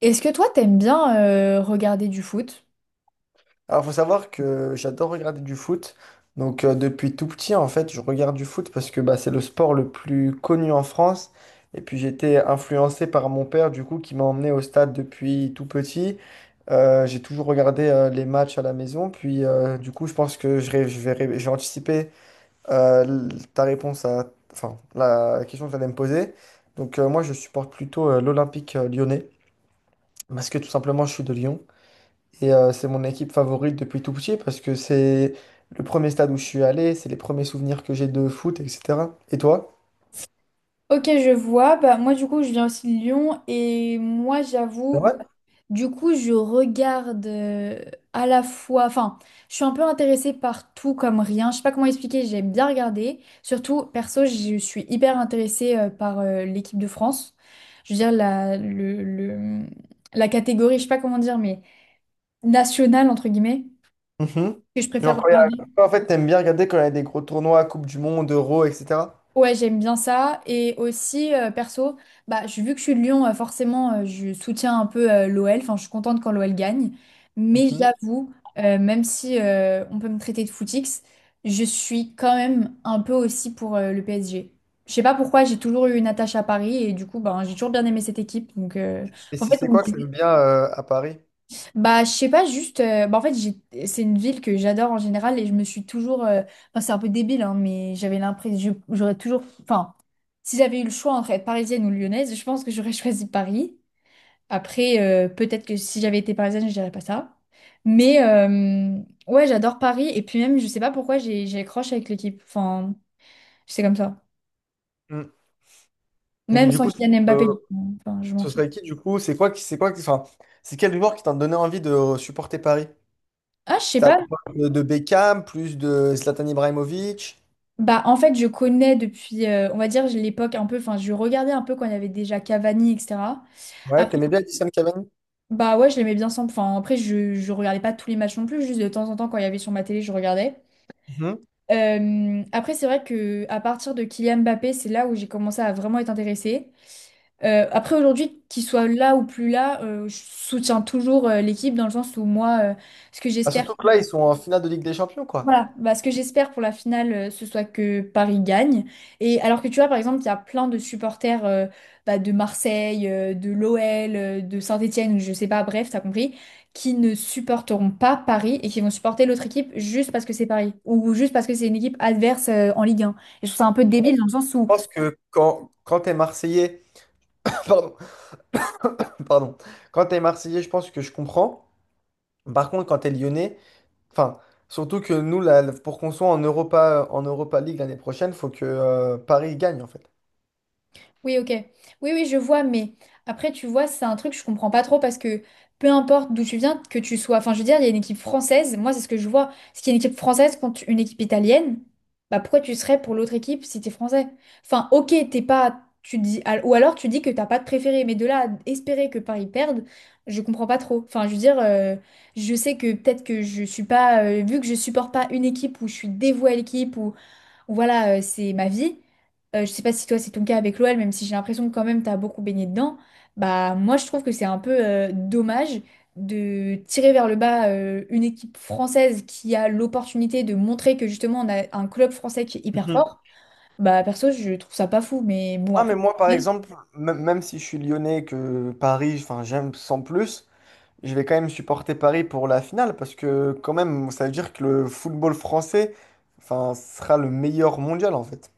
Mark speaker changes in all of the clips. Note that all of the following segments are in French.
Speaker 1: Est-ce que toi, t'aimes bien regarder du foot?
Speaker 2: Alors, faut savoir que j'adore regarder du foot. Donc, depuis tout petit, en fait, je regarde du foot parce que bah, c'est le sport le plus connu en France. Et puis, j'étais influencé par mon père, du coup, qui m'a emmené au stade depuis tout petit. J'ai toujours regardé les matchs à la maison. Puis, du coup, je pense que je, ré- je vais, ré- j'ai anticipé euh, l- ta réponse à enfin, la question que tu allais me poser. Donc, moi, je supporte plutôt l'Olympique lyonnais parce que tout simplement, je suis de Lyon. Et c'est mon équipe favorite depuis tout petit parce que c'est le premier stade où je suis allé, c'est les premiers souvenirs que j'ai de foot, etc. Et toi?
Speaker 1: Ok, je vois. Bah, moi, du coup, je viens aussi de Lyon et moi,
Speaker 2: C'est
Speaker 1: j'avoue,
Speaker 2: vrai?
Speaker 1: du coup, je regarde à la fois, enfin, je suis un peu intéressée par tout comme rien. Je sais pas comment expliquer, j'aime bien regarder. Surtout, perso, je suis hyper intéressée par l'équipe de France. Je veux dire, la catégorie, je sais pas comment dire, mais nationale, entre guillemets,
Speaker 2: Mhm.
Speaker 1: que je préfère
Speaker 2: Genre quand il y
Speaker 1: regarder.
Speaker 2: a... toi, en fait, t'aimes bien regarder quand il y a des gros tournois, Coupe du Monde, Euro, etc.
Speaker 1: Ouais, j'aime bien ça. Et aussi, perso, bah, vu que je suis de Lyon, forcément, je soutiens un peu l'OL. Enfin, je suis contente quand l'OL gagne. Mais
Speaker 2: Mhm.
Speaker 1: j'avoue, même si on peut me traiter de footix, je suis quand même un peu aussi pour le PSG. Je sais pas pourquoi, j'ai toujours eu une attache à Paris et du coup, ben, j'ai toujours bien aimé cette équipe. Donc,
Speaker 2: Et
Speaker 1: en
Speaker 2: si
Speaker 1: fait,
Speaker 2: c'est quoi que t'aimes bien à Paris?
Speaker 1: bah, je sais pas, juste. Bah, en fait, c'est une ville que j'adore en général et je me suis toujours. Enfin, c'est un peu débile, hein, mais j'avais l'impression. J'aurais toujours. Enfin, si j'avais eu le choix entre être parisienne ou lyonnaise, je pense que j'aurais choisi Paris. Après, peut-être que si j'avais été parisienne, je dirais pas ça. Mais ouais, j'adore Paris et puis même, je sais pas pourquoi j'ai accroche avec l'équipe. Enfin, c'est comme ça.
Speaker 2: Mm. Et puis
Speaker 1: Même
Speaker 2: du
Speaker 1: sans
Speaker 2: coup,
Speaker 1: Kylian
Speaker 2: euh,
Speaker 1: Mbappé. Enfin, je m'en
Speaker 2: ce
Speaker 1: fiche.
Speaker 2: serait qui du coup? C'est quoi qui, enfin, c'est quel joueur qui t'a donné envie de supporter Paris?
Speaker 1: Ah, je sais
Speaker 2: C'était à
Speaker 1: pas.
Speaker 2: l'époque de Beckham, plus de Zlatan Ibrahimovic.
Speaker 1: Bah, en fait, je connais depuis, on va dire, j'ai l'époque un peu, enfin, je regardais un peu quand il y avait déjà Cavani, etc.
Speaker 2: Ouais,
Speaker 1: Après,
Speaker 2: t'aimais bien Edison Cavani?
Speaker 1: bah ouais, je l'aimais bien sans, enfin, après, je regardais pas tous les matchs non plus, juste de temps en temps, quand il y avait sur ma télé, je regardais. Après, c'est vrai que à partir de Kylian Mbappé, c'est là où j'ai commencé à vraiment être intéressée. Après, aujourd'hui, qu'il soit là ou plus là, je soutiens toujours l'équipe dans le sens où moi, ce que
Speaker 2: Ah,
Speaker 1: j'espère,
Speaker 2: surtout que là, ils sont en finale de Ligue des Champions, quoi.
Speaker 1: voilà, bah, ce que j'espère pour la finale, ce soit que Paris gagne. Et alors que tu vois, par exemple, il y a plein de supporters bah, de Marseille, de l'OL, de Saint-Étienne, je sais pas, bref, t'as compris, qui ne supporteront pas Paris et qui vont supporter l'autre équipe juste parce que c'est Paris ou juste parce que c'est une équipe adverse en Ligue 1. Et je trouve ça un peu débile dans le sens où
Speaker 2: Je pense que quand t'es Marseillais, pardon, pardon, quand t'es Marseillais, je pense que je comprends. Par contre, quand t'es Lyonnais, enfin, surtout que nous, là, pour qu'on soit en Europa League l'année prochaine, faut que Paris gagne, en fait.
Speaker 1: oui, ok. Oui, oui, je vois, mais après, tu vois, c'est un truc que je comprends pas trop parce que peu importe d'où tu viens, que tu sois. Enfin, je veux dire, il y a une équipe française, moi, c'est ce que je vois. Ce qu'il y a une équipe française contre une équipe italienne, bah pourquoi tu serais pour l'autre équipe si t'es français? Enfin, ok, t'es pas. Tu dis, ou alors tu dis que t'as pas de préféré, mais de là à espérer que Paris perde, je comprends pas trop. Enfin, je veux dire, je sais que peut-être que je suis pas. Vu que je supporte pas une équipe ou je suis dévouée à l'équipe voilà, c'est ma vie. Je sais pas si toi c'est ton cas avec l'OL, même si j'ai l'impression que quand même t'as beaucoup baigné dedans. Bah moi je trouve que c'est un peu dommage de tirer vers le bas une équipe française qui a l'opportunité de montrer que justement on a un club français qui est hyper
Speaker 2: Mhm.
Speaker 1: fort. Bah perso je trouve ça pas fou, mais bon
Speaker 2: Ah, mais
Speaker 1: après.
Speaker 2: moi, par exemple, même si je suis lyonnais et que Paris, enfin, j'aime sans plus, je vais quand même supporter Paris pour la finale parce que, quand même, ça veut dire que le football français, enfin, sera le meilleur mondial, en fait.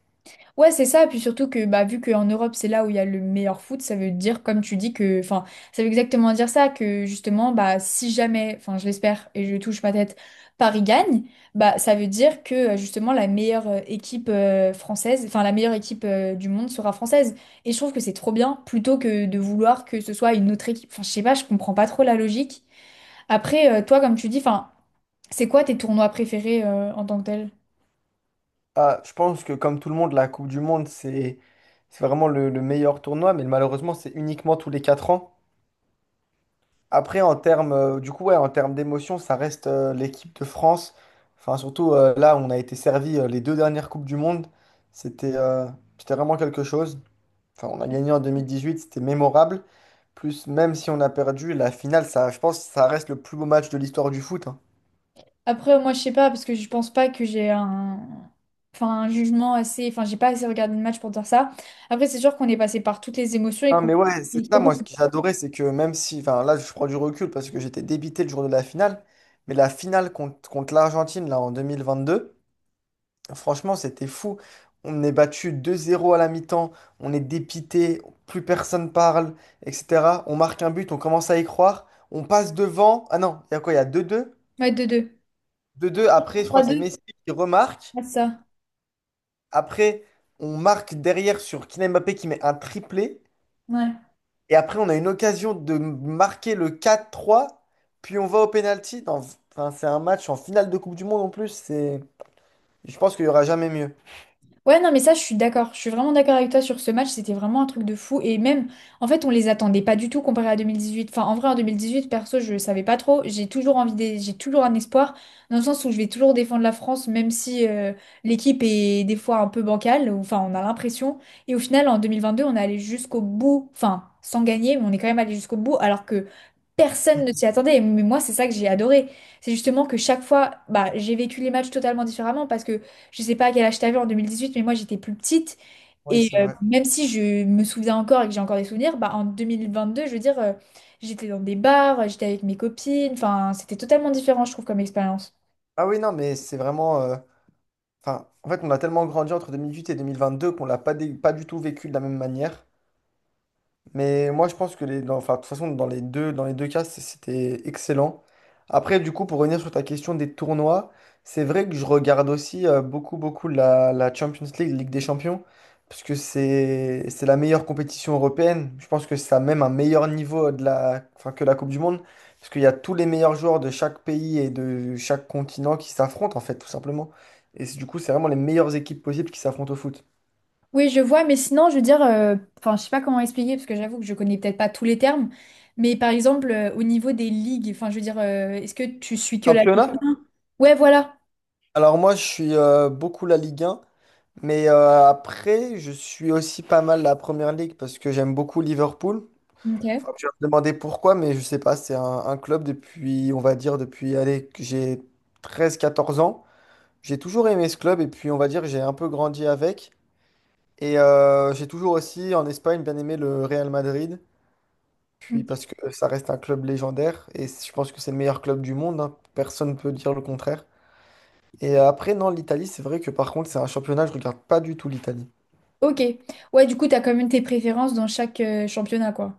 Speaker 1: Ouais, c'est ça. Puis surtout que, bah, vu qu'en Europe, c'est là où il y a le meilleur foot, ça veut dire, comme tu dis, que, enfin, ça veut exactement dire ça, que justement, bah, si jamais, enfin, je l'espère et je touche ma tête, Paris gagne, bah, ça veut dire que, justement, la meilleure équipe française, enfin, la meilleure équipe du monde sera française. Et je trouve que c'est trop bien, plutôt que de vouloir que ce soit une autre équipe. Enfin, je sais pas, je comprends pas trop la logique. Après, toi, comme tu dis, enfin, c'est quoi tes tournois préférés en tant que tel?
Speaker 2: Ah, je pense que comme tout le monde, la Coupe du Monde, c'est vraiment le meilleur tournoi, mais malheureusement, c'est uniquement tous les 4 ans. Après, en termes, du coup, ouais, en termes d'émotion, ça reste l'équipe de France. Enfin, surtout là, on a été servi les deux dernières Coupes du Monde. C'était euh, c'était vraiment quelque chose. Enfin, on a gagné en 2018, c'était mémorable. Plus, même si on a perdu, la finale, ça, je pense, que ça reste le plus beau match de l'histoire du foot, hein.
Speaker 1: Après, moi, je sais pas, parce que je pense pas que j'ai un... Enfin, un jugement assez... Enfin, j'ai pas assez regardé le match pour dire ça. Après, c'est sûr qu'on est passé par toutes les émotions et
Speaker 2: Ah
Speaker 1: qu'on...
Speaker 2: mais ouais, c'est ça, moi, ce que j'adorais, c'est que même si, enfin, là, je prends du recul parce que j'étais débité le jour de la finale, mais la finale contre l'Argentine, là, en 2022, franchement, c'était fou. On est battu 2-0 à la mi-temps, on est dépité, plus personne parle, etc. On marque un but, on commence à y croire, on passe devant. Ah non, il y a quoi? Il y a 2-2.
Speaker 1: 3-2.
Speaker 2: 2-2, après, je crois que c'est
Speaker 1: 3-2,
Speaker 2: Messi qui remarque.
Speaker 1: c'est ça.
Speaker 2: Après, on marque derrière sur Kylian Mbappé qui met un triplé.
Speaker 1: Ouais.
Speaker 2: Et après, on a une occasion de marquer le 4-3, puis on va au pénalty. Enfin, c'est un match en finale de Coupe du Monde en plus. C'est... Je pense qu'il n'y aura jamais mieux.
Speaker 1: Ouais, non, mais ça, je suis d'accord. Je suis vraiment d'accord avec toi sur ce match. C'était vraiment un truc de fou. Et même, en fait, on les attendait pas du tout comparé à 2018. Enfin, en vrai, en 2018 perso, je savais pas trop. J'ai toujours envie des... j'ai toujours un espoir, dans le sens où je vais toujours défendre la France, même si l'équipe est des fois un peu bancale. Enfin, on a l'impression. Et au final, en 2022 on est allé jusqu'au bout. Enfin, sans gagner, mais on est quand même allé jusqu'au bout. Alors que personne ne s'y attendait, mais moi c'est ça que j'ai adoré. C'est justement que chaque fois, bah, j'ai vécu les matchs totalement différemment parce que je sais pas à quel âge t'avais en 2018, mais moi j'étais plus petite
Speaker 2: Oui,
Speaker 1: et
Speaker 2: c'est vrai.
Speaker 1: même si je me souviens encore et que j'ai encore des souvenirs, bah, en 2022, je veux dire, j'étais dans des bars, j'étais avec mes copines, enfin c'était totalement différent je trouve comme expérience.
Speaker 2: Ah oui, non, mais c'est vraiment... Enfin, en fait, on a tellement grandi entre 2018 et 2022 qu'on l'a pas, pas du tout vécu de la même manière. Mais moi, je pense que enfin, de toute façon, dans les deux cas, c'était excellent. Après, du coup, pour revenir sur ta question des tournois, c'est vrai que je regarde aussi beaucoup, beaucoup la Champions League, Ligue des Champions, parce que c'est la meilleure compétition européenne. Je pense que ça a même un meilleur niveau de la, enfin, que la Coupe du Monde, parce qu'il y a tous les meilleurs joueurs de chaque pays et de chaque continent qui s'affrontent, en fait, tout simplement. Et du coup, c'est vraiment les meilleures équipes possibles qui s'affrontent au foot.
Speaker 1: Oui, je vois, mais sinon, je veux dire, enfin, je sais pas comment expliquer parce que j'avoue que je connais peut-être pas tous les termes, mais par exemple au niveau des ligues, enfin, je veux dire, est-ce que tu suis que la Ligue
Speaker 2: Championnat?
Speaker 1: 1? Ouais, voilà.
Speaker 2: Alors moi, je suis beaucoup la Ligue 1. Mais après, je suis aussi pas mal la Première Ligue parce que j'aime beaucoup Liverpool.
Speaker 1: Ok.
Speaker 2: Enfin, tu vas me demander pourquoi, mais je sais pas, c'est un club depuis, on va dire, depuis, allez, que j'ai 13, 14 ans. J'ai toujours aimé ce club et puis, on va dire, j'ai un peu grandi avec. Et j'ai toujours aussi, en Espagne, bien aimé le Real Madrid. Puis
Speaker 1: Ok.
Speaker 2: parce que ça reste un club légendaire et je pense que c'est le meilleur club du monde, hein. Personne ne peut dire le contraire. Et après, non, l'Italie, c'est vrai que par contre, c'est un championnat, je regarde pas du tout l'Italie.
Speaker 1: Ok. Ouais, du coup, t'as quand même tes préférences dans chaque championnat, quoi.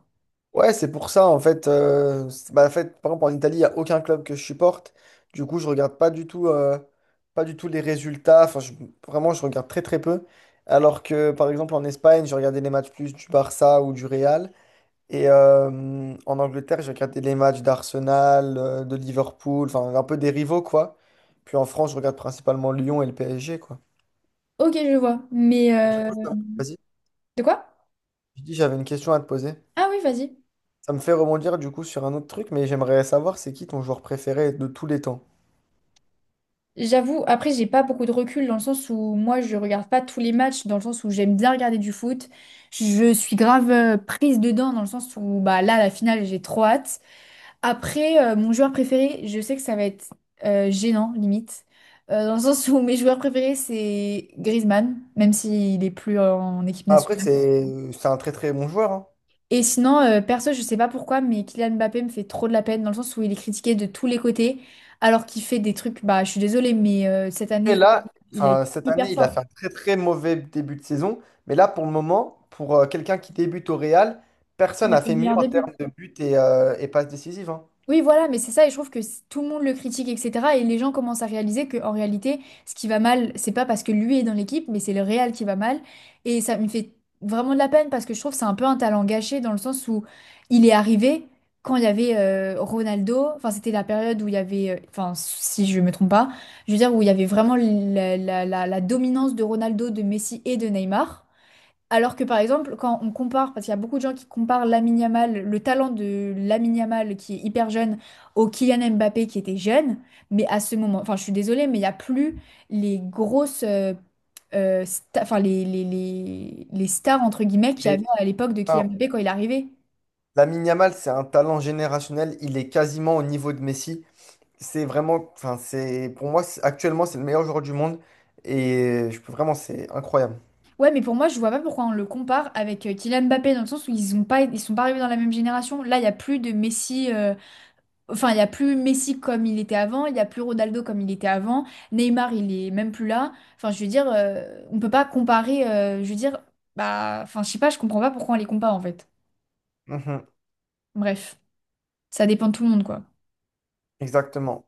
Speaker 2: Ouais, c'est pour ça, en fait, bah, en fait, par exemple, en Italie, il n'y a aucun club que je supporte. Du coup, je regarde pas du tout, pas du tout les résultats. Enfin, vraiment, je regarde très, très peu. Alors que, par exemple, en Espagne, je regardais les matchs plus du Barça ou du Real. Et en Angleterre, j'ai regardé les matchs d'Arsenal, de Liverpool, enfin, un peu des rivaux, quoi. Puis en France, je regarde principalement Lyon et le PSG, quoi.
Speaker 1: Ok, je vois. Mais
Speaker 2: Et du coup, vas-y,
Speaker 1: de quoi?
Speaker 2: je dis, j'avais une question à te poser.
Speaker 1: Ah oui, vas-y.
Speaker 2: Ça me fait rebondir du coup sur un autre truc, mais j'aimerais savoir c'est qui ton joueur préféré de tous les temps.
Speaker 1: J'avoue, après, j'ai pas beaucoup de recul dans le sens où moi, je regarde pas tous les matchs, dans le sens où j'aime bien regarder du foot. Je suis grave prise dedans, dans le sens où bah là, la finale, j'ai trop hâte. Après, mon joueur préféré, je sais que ça va être gênant, limite. Dans le sens où mes joueurs préférés, c'est Griezmann, même s'il est plus en équipe
Speaker 2: Après,
Speaker 1: nationale.
Speaker 2: c'est un très très bon joueur, hein.
Speaker 1: Et sinon, perso, je sais pas pourquoi, mais Kylian Mbappé me fait trop de la peine dans le sens où il est critiqué de tous les côtés, alors qu'il fait des trucs, bah, je suis désolée, mais cette
Speaker 2: Et
Speaker 1: année,
Speaker 2: là,
Speaker 1: il a été
Speaker 2: enfin, cette
Speaker 1: hyper
Speaker 2: année, il a
Speaker 1: fort.
Speaker 2: fait un très très mauvais début de saison. Mais là, pour le moment, pour quelqu'un qui débute au Real, personne
Speaker 1: Il a
Speaker 2: n'a
Speaker 1: fait le
Speaker 2: fait mieux
Speaker 1: meilleur
Speaker 2: en
Speaker 1: début.
Speaker 2: termes de buts et passes décisives, hein.
Speaker 1: Oui, voilà, mais c'est ça, et je trouve que tout le monde le critique, etc. Et les gens commencent à réaliser que en réalité, ce qui va mal, c'est pas parce que lui est dans l'équipe, mais c'est le Real qui va mal. Et ça me fait vraiment de la peine parce que je trouve que c'est un peu un talent gâché dans le sens où il est arrivé quand il y avait Ronaldo. Enfin, c'était la période où il y avait, enfin, si je me trompe pas, je veux dire où il y avait vraiment la dominance de Ronaldo, de Messi et de Neymar. Alors que par exemple, quand on compare, parce qu'il y a beaucoup de gens qui comparent Lamine Yamal, le talent de Lamine Yamal qui est hyper jeune, au Kylian Mbappé qui était jeune, mais à ce moment, enfin je suis désolée, mais il n'y a plus les grosses, enfin les stars entre guillemets qu'il y
Speaker 2: Mais
Speaker 1: avait à l'époque de Kylian
Speaker 2: enfin,
Speaker 1: Mbappé quand il est arrivé.
Speaker 2: Lamine Yamal, c'est un talent générationnel. Il est quasiment au niveau de Messi. C'est vraiment, enfin, c'est pour moi, actuellement, c'est le meilleur joueur du monde. Et je peux vraiment, c'est incroyable.
Speaker 1: Ouais, mais pour moi, je vois pas pourquoi on le compare avec Kylian Mbappé dans le sens où ils sont pas arrivés dans la même génération. Là, il y a plus de Messi. Enfin, il n'y a plus Messi comme il était avant, il n'y a plus Ronaldo comme il était avant, Neymar, il est même plus là. Enfin, je veux dire, on peut pas comparer, je veux dire, bah, enfin, je sais pas, je comprends pas pourquoi on les compare en fait.
Speaker 2: Mhm,
Speaker 1: Bref, ça dépend de tout le monde, quoi.
Speaker 2: exactement.